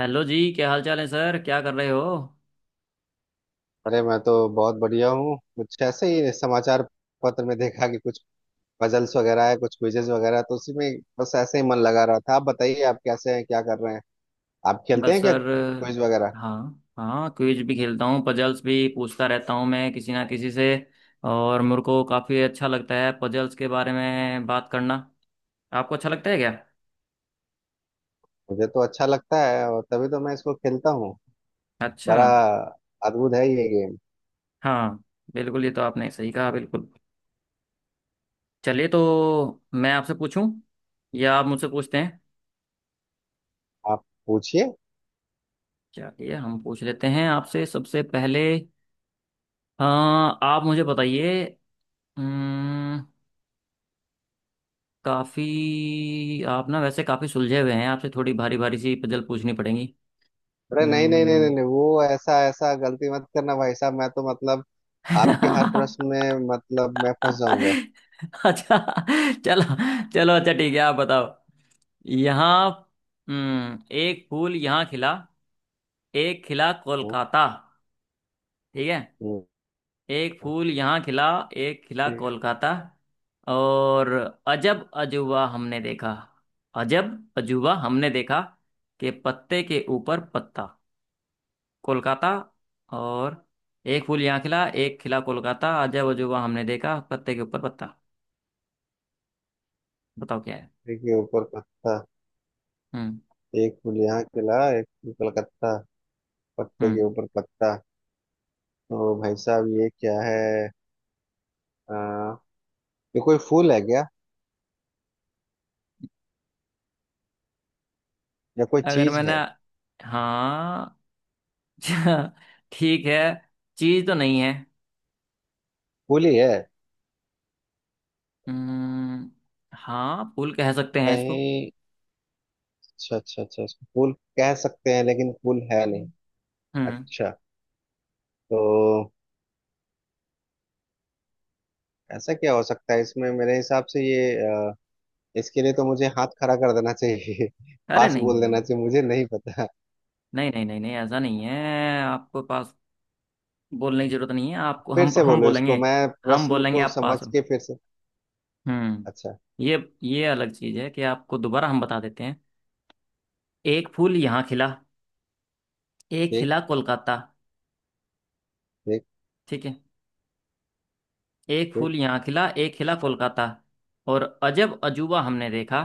Hello जी। क्या हाल चाल है सर? क्या कर रहे हो? अरे मैं तो बहुत बढ़िया हूँ। कुछ ऐसे ही समाचार पत्र में देखा कि कुछ पजल्स वगैरह है, कुछ क्विजेज वगैरह, तो उसी में बस ऐसे ही मन लगा रहा था। आप बताइए, आप कैसे हैं, क्या कर रहे हैं? आप खेलते बस हैं क्या सर। क्विज वगैरह? हाँ। हाँ, क्विज भी खेलता हूँ, पजल्स भी पूछता रहता हूँ मैं किसी ना किसी से। और मेरे को काफ़ी अच्छा लगता है पजल्स के बारे में बात करना। आपको अच्छा लगता है क्या? मुझे तो अच्छा लगता है, और तभी तो मैं इसको खेलता हूँ। अच्छा। बड़ा अद्भुत है ये गेम। हाँ, बिल्कुल, ये तो आपने सही कहा, बिल्कुल। चलिए, तो मैं आपसे पूछूं या आप मुझसे पूछते हैं? आप पूछिए। चलिए, हम पूछ लेते हैं आपसे सबसे पहले। हाँ, आप मुझे बताइए। काफी आप ना, वैसे काफी सुलझे हुए हैं, आपसे थोड़ी भारी भारी सी पजल पूछनी पड़ेंगी। अरे नहीं नहीं नहीं नहीं हम्म। नहीं, वो ऐसा ऐसा गलती मत करना भाई साहब, मैं तो मतलब आपके हर प्रश्न में मतलब मैं फंस जाऊंगा। अच्छा। चलो, चलो, अच्छा, ठीक है, आप बताओ। यहाँ। एक फूल यहाँ खिला, एक खिला हम्म, कोलकाता। ठीक है। हम्म, एक फूल यहाँ खिला, एक खिला ठीक है। कोलकाता, और अजब अजूबा हमने देखा। अजब अजूबा हमने देखा कि पत्ते के ऊपर पत्ता कोलकाता। और एक फूल यहाँ खिला, एक खिला कोलकाता, अजब अजूबा हमने देखा, पत्ते के ऊपर पत्ता। बताओ क्या है? ठीक है, ऊपर पत्ता। हम्म। एक फूल यहाँ खिला, एक फूल कलकत्ता, पत्ते के हम्म। ऊपर पत्ता। तो भाई साहब ये क्या है? आ, ये कोई फूल है क्या, या कोई अगर चीज मैंने… है? हाँ। ठीक है। चीज तो नहीं है। फूल ही है हम्म। हाँ, फूल कह सकते हैं इसको। कहीं? अच्छा अच्छा अच्छा, इसको फूल कह सकते हैं, लेकिन फूल है नहीं। हम्म। अच्छा। तो ऐसा क्या हो सकता है इसमें? मेरे हिसाब से ये इसके लिए तो मुझे हाथ खड़ा कर देना चाहिए। अरे, पास नहीं बोल देना नहीं चाहिए, मुझे नहीं पता। नहीं नहीं नहीं नहीं नहीं, ऐसा नहीं है, आपको पास बोलने की जरूरत नहीं है, आपको फिर हम से हम बोलो इसको, बोलेंगे। मैं हम प्रश्न बोलेंगे को आप समझ पास हो। के फिर से। हम्म। अच्छा। ये ये अलग चीज है कि आपको दोबारा हम बता देते हैं। एक फूल यहाँ खिला, एक ठीक। खिला कोलकाता। ठीक। ठीक है। एक ठीक। फूल यहाँ खिला, एक खिला कोलकाता, और अजब अजूबा हमने देखा,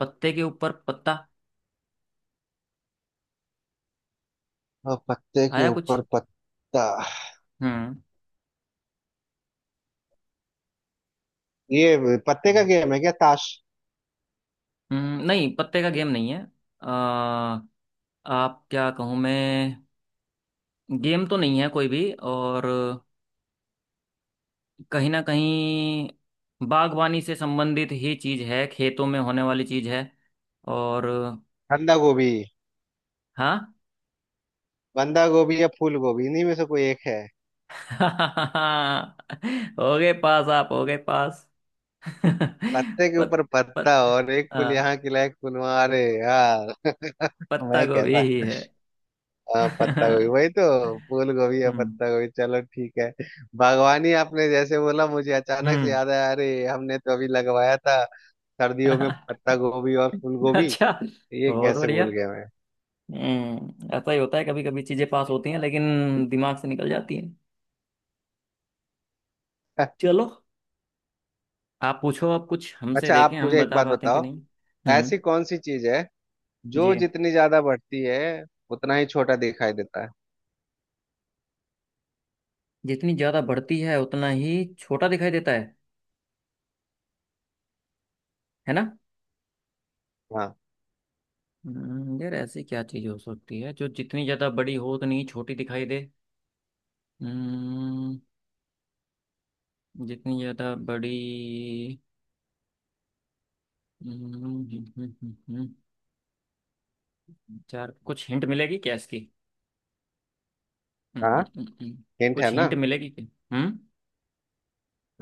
पत्ते के ऊपर पत्ता। और पत्ते के आया कुछ? ऊपर पत्ता। हम्म। ये पत्ते का गेम है क्या, ताश? नहीं, पत्ते का गेम नहीं है। आ, आप क्या कहूँ मैं। गेम तो नहीं है कोई भी। और कहीं ना कहीं बागवानी से संबंधित ही चीज है, खेतों में होने वाली चीज है। और बंदा गोभी। हाँ। बंदा गोभी या फूल गोभी, इन्हीं में से कोई एक है। हो गए पास, आप हो गए पास। पत्ते के पत ऊपर पत्ता, पत और एक फूल हाँ, यहाँ खिला, एक फूल वहाँ। अरे यार, पत्ता मैं गोभी कैसा। ही है। हाँ, पत्ता गोभी। हम्म। वही तो, फूल गोभी या पत्ता गोभी। चलो ठीक है। बागवानी आपने जैसे बोला, मुझे अचानक से हम्म। याद आया, अरे हमने तो अभी लगवाया था सर्दियों में पत्ता गोभी और फूल गोभी। अच्छा। ये बहुत कैसे बढ़िया। भूल गया मैं। हम्म, ऐसा ही होता है, कभी कभी चीजें पास होती हैं लेकिन दिमाग से निकल जाती हैं। चलो, आप पूछो, आप कुछ हमसे अच्छा, देखें आप हम मुझे एक बता बात पाते हैं कि बताओ। नहीं। हम्म। ऐसी कौन सी चीज है जी। जो जितनी ज्यादा बढ़ती है, उतना ही छोटा दिखाई देता है? जितनी ज्यादा बढ़ती है उतना ही छोटा दिखाई देता है ना? हाँ। यार, ऐसी क्या चीज हो सकती है जो जितनी ज्यादा बड़ी हो उतनी ही छोटी दिखाई दे? हम्म। जितनी ज्यादा बड़ी। हम्म। चार, कुछ हिंट मिलेगी क्या इसकी? हम्म। हाँ, हम्म। हम्म। हम्म। हिंट है कुछ ना। हिंट मिलेगी क्या? हम्म।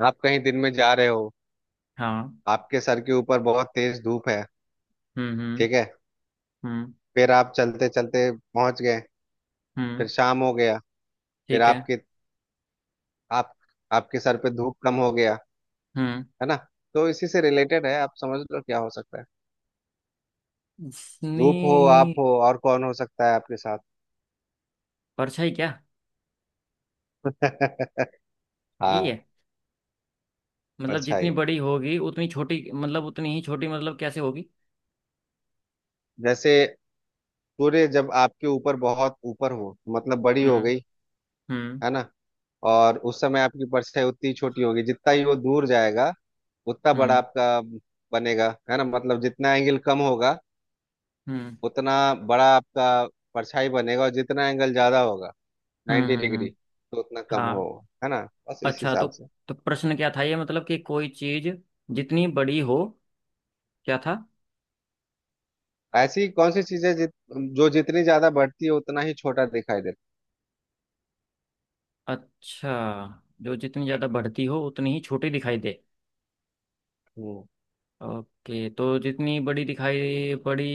आप कहीं दिन में जा रहे हो, हाँ। आपके सर के ऊपर बहुत तेज धूप है, हम्म। हम्म। ठीक है? हम्म। फिर आप चलते चलते पहुंच गए, फिर हम्म। शाम हो गया, फिर ठीक है। आपके आप आपके सर पे धूप कम हो गया, हम्म। है ना? तो इसी से रिलेटेड है, आप समझ लो क्या हो सकता है। धूप हो, आप जितनी… हो, और कौन हो सकता है आपके साथ? परछाई, क्या ये हाँ, है? मतलब जितनी परछाई। बड़ी होगी उतनी छोटी, मतलब उतनी ही छोटी, मतलब कैसे होगी? जैसे सूर्य जब आपके ऊपर बहुत ऊपर हो, मतलब बड़ी हो हम्म। गई, हम्म। है ना? और उस समय आपकी परछाई उतनी छोटी होगी, जितना ही वो दूर जाएगा, उतना बड़ा हम्म। आपका बनेगा, है ना? मतलब जितना एंगल कम होगा, हम्म। उतना बड़ा आपका परछाई बनेगा, और जितना एंगल ज्यादा होगा, हम्म। नाइन्टी हम्म। डिग्री हम्म। तो उतना कम हो, हाँ। है ना? बस इस अच्छा, तो… हिसाब से। तो प्रश्न क्या था? ये मतलब कि कोई चीज जितनी बड़ी हो, क्या था? ऐसी कौन सी चीजें जो जितनी ज्यादा बढ़ती है उतना ही छोटा दिखाई देता। अच्छा, जो जितनी ज़्यादा बढ़ती हो उतनी ही छोटी दिखाई दे। हम्म। ओके, तो जितनी बड़ी दिखाई बड़ी,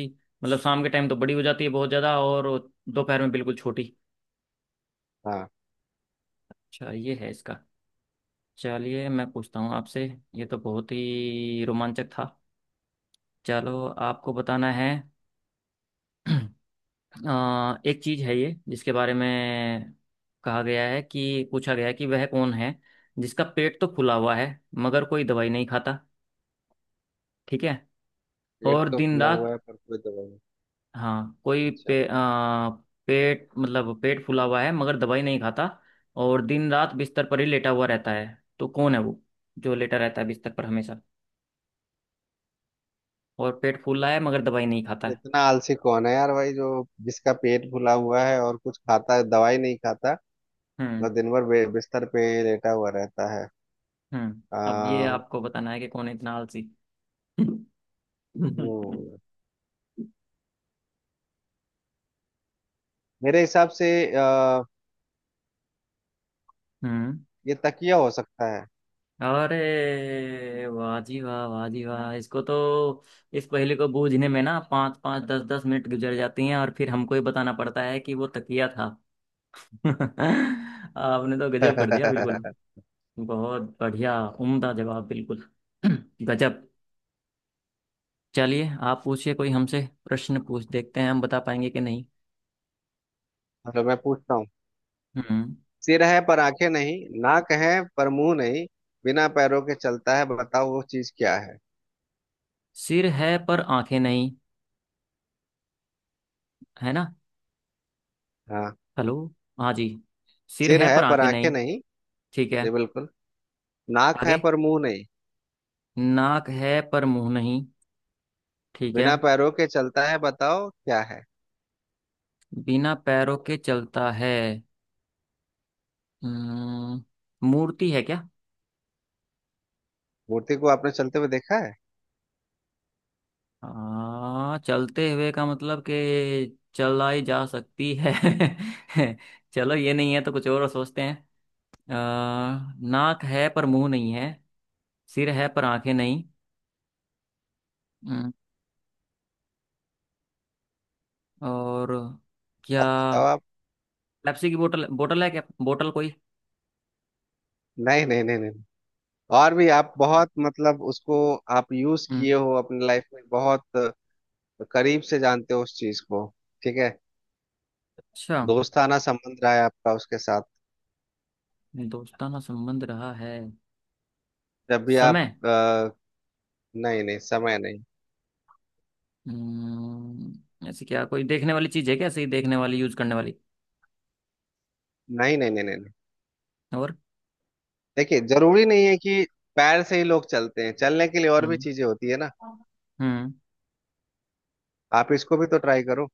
मतलब शाम के टाइम तो बड़ी हो जाती है बहुत ज़्यादा, और दोपहर में बिल्कुल छोटी। हाँ, अच्छा, ये है इसका। चलिए, मैं पूछता हूँ आपसे। ये तो बहुत ही रोमांचक था। चलो, आपको बताना है। एक चीज़ है ये, जिसके बारे में कहा गया है, कि पूछा गया है कि वह कौन है जिसका पेट तो फूला हुआ है मगर कोई दवाई नहीं खाता। ठीक है। पेट और तो दिन फूला हुआ रात। है पर कोई दवाई नहीं। हाँ। कोई अच्छा। पेट मतलब, पेट फूला हुआ है मगर दवाई नहीं खाता, और दिन रात बिस्तर पर ही लेटा हुआ रहता है। तो कौन है वो जो लेटा रहता है बिस्तर पर हमेशा, और पेट फूला है मगर दवाई नहीं खाता है? इतना आलसी कौन है यार भाई, जो जिसका पेट फूला हुआ है और कुछ खाता है, दवाई नहीं खाता। हम्म। मतलब दिन भर बिस्तर पे लेटा हुआ रहता है। हम्म। अब ये आ, आपको बताना है कि कौन है इतना आलसी। हम्म, मेरे हिसाब से आ, हम्म। ये तकिया हो सकता है। अरे वाह जी वाह, वाह जी वाह, इसको तो, इस पहेली को बूझने में ना 5 5 10 10 मिनट गुजर जाती हैं और फिर हमको ही बताना पड़ता है कि वो तकिया था। आपने तो गजब कर दिया बिल्कुल। बहुत बढ़िया, उम्दा जवाब, बिल्कुल। गजब। चलिए, आप पूछिए कोई हमसे प्रश्न पूछ, देखते हैं हम बता पाएंगे कि नहीं। चलो मैं पूछता हूँ। हम्म। सिर है पर आंखें नहीं, नाक है पर मुंह नहीं, बिना पैरों के चलता है, बताओ वो चीज क्या है? सिर है पर आंखें नहीं, है ना? हाँ। हेलो। हाँ जी। सिर सिर है है पर पर आंखें आंखें नहीं। नहीं। ठीक है। जी बिल्कुल। नाक है आगे। पर मुंह नहीं। नाक है पर मुंह नहीं। ठीक है। बिना पैरों के चलता है, बताओ क्या है? बिना पैरों के चलता है। हम्म, मूर्ति है क्या? मूर्ति को आपने चलते हुए देखा है? हाँ, चलते हुए का मतलब कि चलाई जा सकती है। चलो, ये नहीं है तो कुछ और सोचते हैं। अ, नाक है पर मुंह नहीं है, सिर है पर आंखें नहीं। हम्म। और क्या? अब बताओ आप। पेप्सी की बोतल, बोतल है क्या, बोतल कोई? नहीं नहीं नहीं नहीं। और भी, आप बहुत मतलब उसको आप यूज हम्म। किए हो अपने लाइफ में। बहुत करीब से जानते हो उस चीज को, ठीक है? अच्छा। दोस्ताना संबंध रहा है आपका उसके साथ। दोस्ताना संबंध रहा है। जब भी आप समय? नहीं नहीं, समय नहीं। ऐसी क्या कोई देखने वाली चीज है क्या, ऐसे ही देखने वाली, यूज करने वाली? नहीं नहीं नहीं नहीं नहीं। और? देखिए, जरूरी नहीं है कि पैर से ही लोग चलते हैं, चलने के लिए और भी हम्म। चीजें होती है ना। हम्म। आप इसको भी तो ट्राई करो।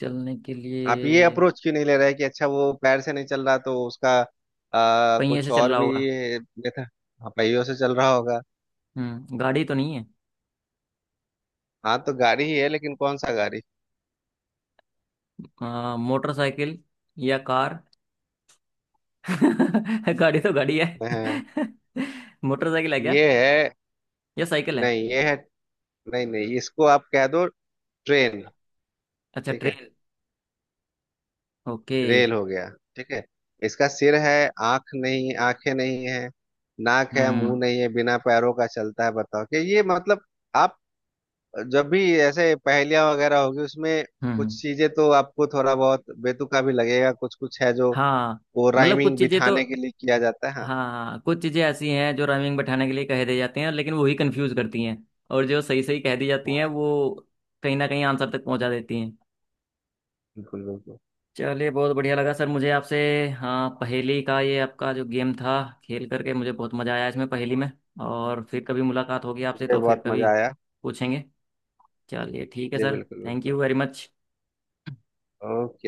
चलने के आप ये लिए। अप्रोच क्यों नहीं ले रहे कि अच्छा वो पैर से नहीं चल रहा तो उसका पहिए कुछ से चल और रहा भी होगा? मेथड। हाँ, पहियों से चल रहा होगा। हम्म, गाड़ी तो नहीं है। हाँ, तो गाड़ी ही है लेकिन कौन सा गाड़ी? मोटरसाइकिल या कार? गाड़ी तो गाड़ी है। हाँ, मोटरसाइकिल है क्या ये है। या साइकिल है? नहीं, ये है। नहीं नहीं, इसको आप कह दो ट्रेन। अच्छा, ठीक है, ट्रेन। ओके। रेल हो गया, ठीक है? इसका सिर है, आंख नहीं, आंखें नहीं है, नाक है, हम्म। मुंह नहीं है, बिना पैरों का चलता है, बताओ। कि ये मतलब आप जब भी ऐसे पहेलियां वगैरह होगी, उसमें हम्म। हम्म। कुछ चीजें तो आपको थोड़ा बहुत बेतुका भी लगेगा, कुछ कुछ है जो हाँ। वो मतलब कुछ राइमिंग चीजें तो, बिठाने के लिए किया जाता है। हाँ, हाँ। हाँ, कुछ चीजें ऐसी हैं जो राइमिंग बैठाने के लिए कह दी जाती हैं, लेकिन वो ही कंफ्यूज करती हैं। और जो सही सही कह दी जाती हैं वो कहीं ना कहीं आंसर तक पहुंचा देती हैं। बिल्कुल बिल्कुल। चलिए, बहुत बढ़िया लगा सर मुझे आपसे। हाँ, पहेली का ये आपका जो गेम था, खेल करके मुझे बहुत मज़ा आया, इसमें पहेली में। और फिर कभी मुलाकात होगी आपसे मुझे तो फिर बहुत कभी मजा आया। पूछेंगे। चलिए, ठीक है जी सर। बिल्कुल थैंक बिल्कुल। You very much. ओके।